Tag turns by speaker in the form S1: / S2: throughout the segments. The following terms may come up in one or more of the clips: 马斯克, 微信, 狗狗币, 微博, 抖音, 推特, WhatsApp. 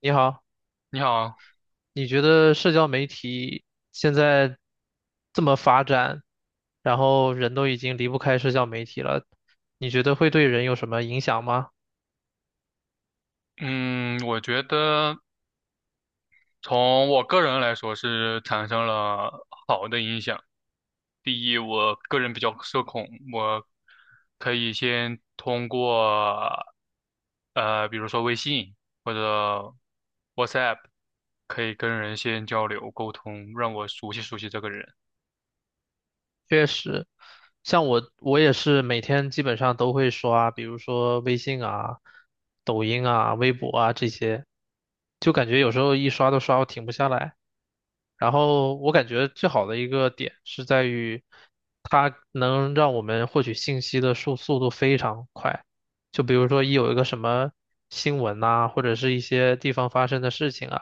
S1: 你好，
S2: 你好。
S1: 你觉得社交媒体现在这么发展，然后人都已经离不开社交媒体了，你觉得会对人有什么影响吗？
S2: 嗯，我觉得从我个人来说是产生了好的影响。第一，我个人比较社恐，我可以先通过比如说微信或者 WhatsApp，可以跟人先交流沟通，让我熟悉熟悉这个人。
S1: 确实，像我，我也是每天基本上都会刷，比如说微信啊、抖音啊、微博啊这些，就感觉有时候一刷都刷，我停不下来。然后我感觉最好的一个点是在于，它能让我们获取信息的速度非常快。就比如说一有一个什么新闻呐、或者是一些地方发生的事情啊，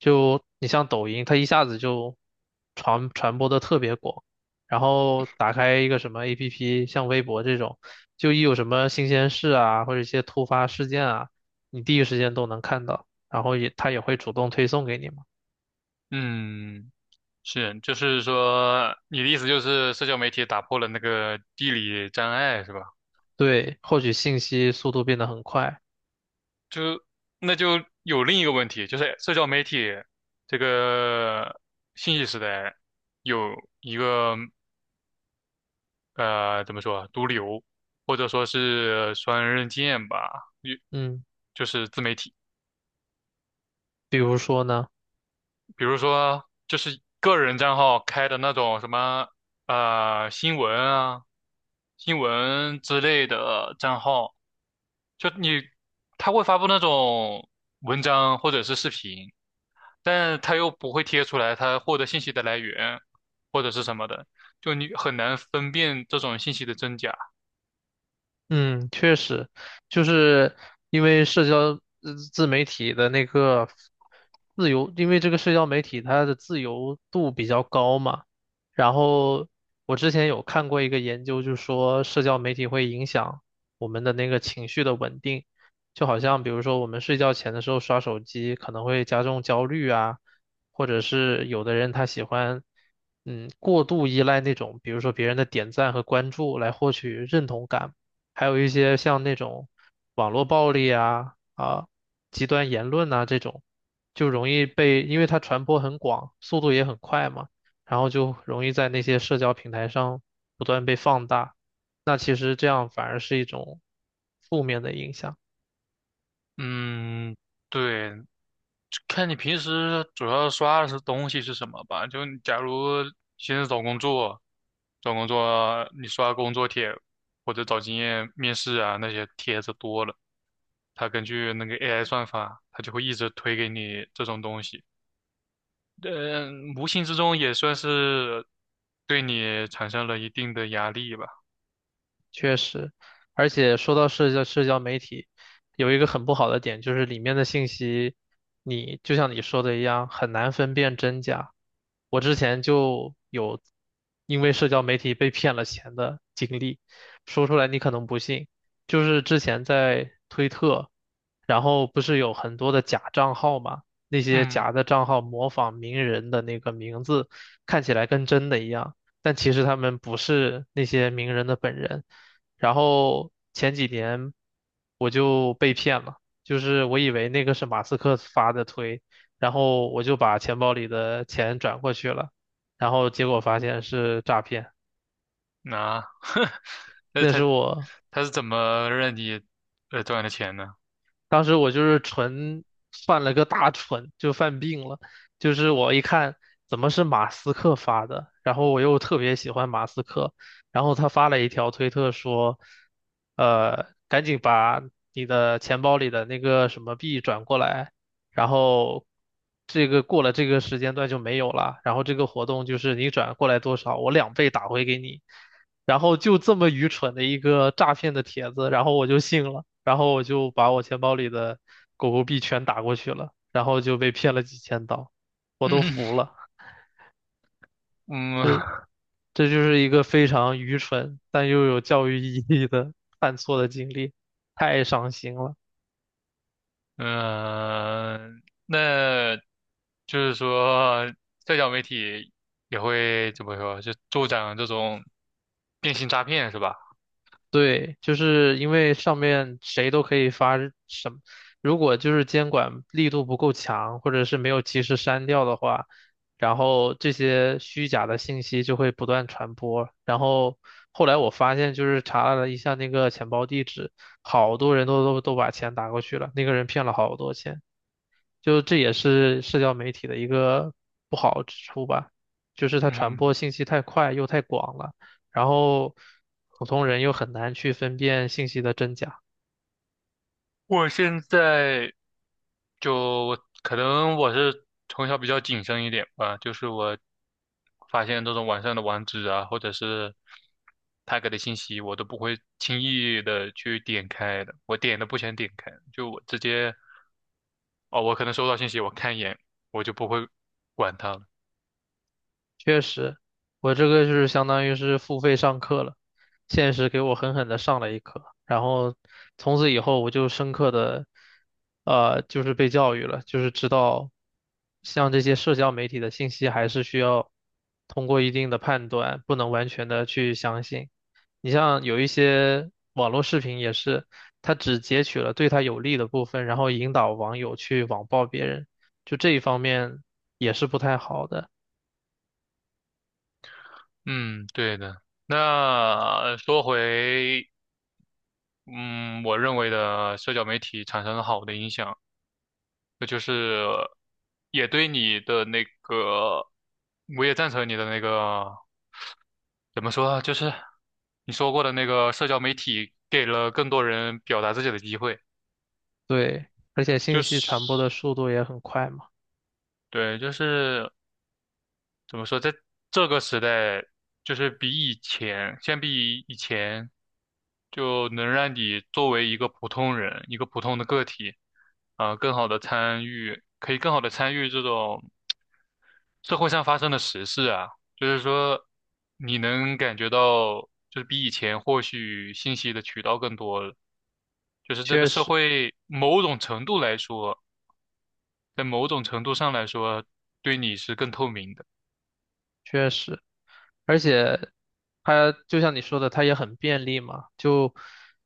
S1: 就你像抖音，它一下子就传播的特别广。然后打开一个什么 APP，像微博这种，就一有什么新鲜事啊，或者一些突发事件啊，你第一时间都能看到，然后也它也会主动推送给你嘛。
S2: 嗯，是，就是说你的意思就是社交媒体打破了那个地理障碍，是吧？
S1: 对，获取信息速度变得很快。
S2: 那就有另一个问题，就是社交媒体这个信息时代有一个怎么说啊，毒瘤，或者说是双刃剑吧，就
S1: 嗯，
S2: 就是自媒体。
S1: 比如说呢？
S2: 比如说就是个人账号开的那种什么新闻啊、新闻之类的账号，就你他会发布那种文章或者是视频，但他又不会贴出来他获得信息的来源或者是什么的，就你很难分辨这种信息的真假。
S1: 嗯，确实，就是因为社交自媒体的那个自由，因为这个社交媒体它的自由度比较高嘛。然后我之前有看过一个研究，就说社交媒体会影响我们的那个情绪的稳定，就好像比如说我们睡觉前的时候刷手机，可能会加重焦虑啊，或者是有的人他喜欢。嗯，过度依赖那种，比如说别人的点赞和关注来获取认同感。还有一些像那种网络暴力啊极端言论呐、这种，就容易被，因为它传播很广，速度也很快嘛，然后就容易在那些社交平台上不断被放大。那其实这样反而是一种负面的影响。
S2: 嗯，对，看你平时主要刷的是东西是什么吧。就你假如现在找工作，找工作你刷工作帖或者找经验面试啊那些帖子多了，它根据那个 AI 算法，它就会一直推给你这种东西。嗯，无形之中也算是对你产生了一定的压力吧。
S1: 确实，而且说到社交媒体，有一个很不好的点，就是里面的信息，你就像你说的一样，很难分辨真假。我之前就有因为社交媒体被骗了钱的经历，说出来你可能不信，就是之前在推特，然后不是有很多的假账号嘛，那些
S2: 嗯，
S1: 假的账号模仿名人的那个名字，看起来跟真的一样。但其实他们不是那些名人的本人，然后前几年我就被骗了，就是我以为那个是马斯克发的推，然后我就把钱包里的钱转过去了，然后结果发现是诈骗，
S2: 那、那
S1: 那
S2: 他
S1: 是我
S2: 是怎么让你赚的钱呢？
S1: 当时我就是纯犯了个大蠢，就犯病了。就是我一看怎么是马斯克发的，然后我又特别喜欢马斯克，然后他发了一条推特说，赶紧把你的钱包里的那个什么币转过来，然后这个过了这个时间段就没有了，然后这个活动就是你转过来多少，我2倍打回给你。然后就这么愚蠢的一个诈骗的帖子，然后我就信了。然后我就把我钱包里的狗狗币全打过去了，然后就被骗了几千刀，我都
S2: 嗯
S1: 服了。
S2: 嗯。
S1: 这就是一个非常愚蠢但又有教育意义的 犯错的经历，太伤心了。
S2: 嗯，那就是说，社交媒体也会怎么说，就助长这种电信诈骗是吧？
S1: 对，就是因为上面谁都可以发什么，如果就是监管力度不够强，或者是没有及时删掉的话，然后这些虚假的信息就会不断传播。然后后来我发现，就是查了一下那个钱包地址，好多人都把钱打过去了，那个人骗了好多钱。就这也是社交媒体的一个不好之处吧，就是它传播
S2: 嗯，
S1: 信息太快又太广了，然后普通人又很难去分辨信息的真假。
S2: 我现在就可能我是从小比较谨慎一点吧，就是我发现这种网上的网址啊，或者是他给的信息，我都不会轻易的去点开的，我点都不想点开，就我直接。哦，我可能收到信息，我看一眼，我就不会管它了。
S1: 确实，我这个就是相当于是付费上课了，现实给我狠狠的上了一课，然后从此以后我就深刻的，就是被教育了，就是知道像这些社交媒体的信息还是需要通过一定的判断，不能完全的去相信。你像有一些网络视频也是，他只截取了对他有利的部分，然后引导网友去网暴别人，就这一方面也是不太好的。
S2: 嗯，对的。那说回，嗯，我认为的社交媒体产生了好的影响，那就是也对你的那个，我也赞成你的那个，怎么说啊就是你说过的那个社交媒体给了更多人表达自己的机会，
S1: 对，而且信
S2: 就
S1: 息传播的
S2: 是
S1: 速度也很快嘛，
S2: 对，就是。怎么说，在这个时代，就是比以前，相比以前，就能让你作为一个普通人，一个普通的个体，啊、更好的参与，可以更好的参与这种社会上发生的时事啊，就是说，你能感觉到，就是比以前获取信息的渠道更多了，就是这个
S1: 确
S2: 社
S1: 实，
S2: 会某种程度来说，在某种程度上来说，对你是更透明的。
S1: 确实。而且它就像你说的，它也很便利嘛。就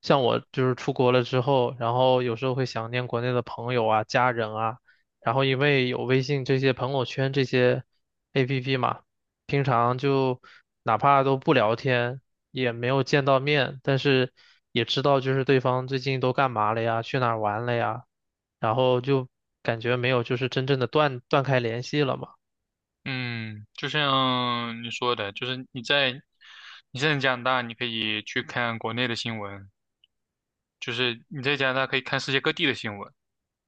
S1: 像我就是出国了之后，然后有时候会想念国内的朋友啊、家人啊，然后因为有微信这些朋友圈这些 APP 嘛，平常就哪怕都不聊天，也没有见到面，但是也知道就是对方最近都干嘛了呀，去哪儿玩了呀，然后就感觉没有就是真正的断开联系了嘛。
S2: 嗯，就像你说的，就是你在加拿大，你可以去看国内的新闻，就是你在加拿大可以看世界各地的新闻，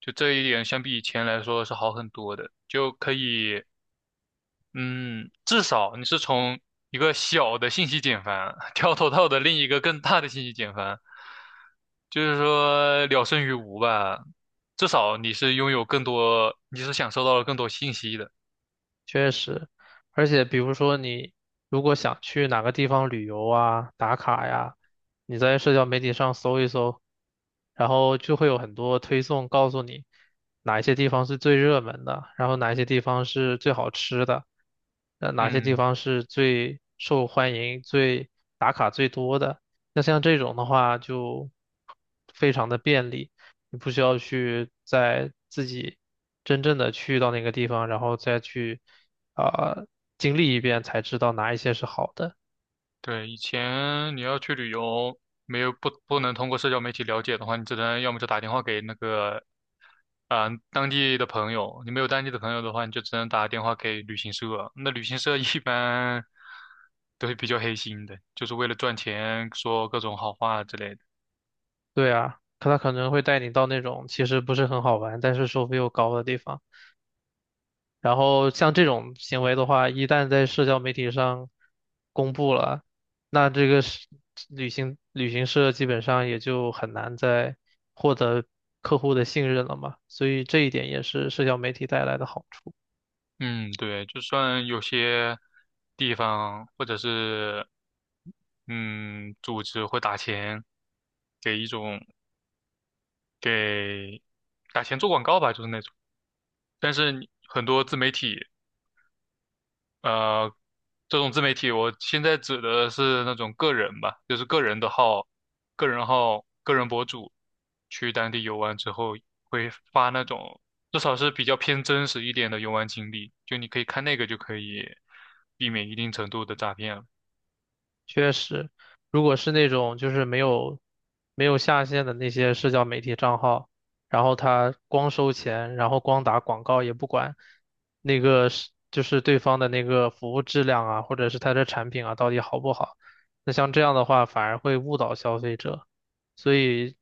S2: 就这一点相比以前来说是好很多的，就可以，嗯，至少你是从一个小的信息茧房 跳脱到的另一个更大的信息茧房，就是说了胜于无吧，至少你是拥有更多，你是享受到了更多信息的。
S1: 确实，而且比如说你如果想去哪个地方旅游啊、打卡呀，你在社交媒体上搜一搜，然后就会有很多推送告诉你哪一些地方是最热门的，然后哪一些地方是最好吃的，哪些地
S2: 嗯，
S1: 方是最受欢迎、最打卡最多的。那像这种的话就非常的便利。你不需要去在自己真正的去到那个地方，然后再去啊、呃经历一遍才知道哪一些是好的。
S2: 对，以前你要去旅游，没有不能通过社交媒体了解的话，你只能要么就打电话给那个，啊、当地的朋友。你没有当地的朋友的话，你就只能打电话给旅行社。那旅行社一般都是比较黑心的，就是为了赚钱，说各种好话之类的。
S1: 对啊，可他可能会带你到那种其实不是很好玩，但是收费又高的地方。然后像这种行为的话，一旦在社交媒体上公布了，那这个是旅行社基本上也就很难再获得客户的信任了嘛。所以这一点也是社交媒体带来的好处。
S2: 嗯，对，就算有些地方或者是嗯组织会打钱给一种给打钱做广告吧，就是那种。但是你很多自媒体，呃，这种自媒体，我现在指的是那种个人吧，就是个人的号、个人号、个人博主，去当地游玩之后会发那种，至少是比较偏真实一点的游玩经历，就你可以看那个就可以避免一定程度的诈骗了。
S1: 确实，如果是那种就是没有下线的那些社交媒体账号，然后他光收钱，然后光打广告也不管那个是就是对方的那个服务质量啊，或者是他的产品啊到底好不好，那像这样的话反而会误导消费者，所以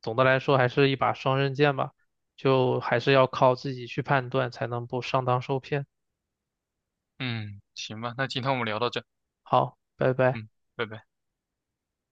S1: 总的来说还是一把双刃剑吧，就还是要靠自己去判断才能不上当受骗。
S2: 嗯，行吧，那今天我们聊到这。
S1: 好，拜拜。
S2: 嗯，拜拜。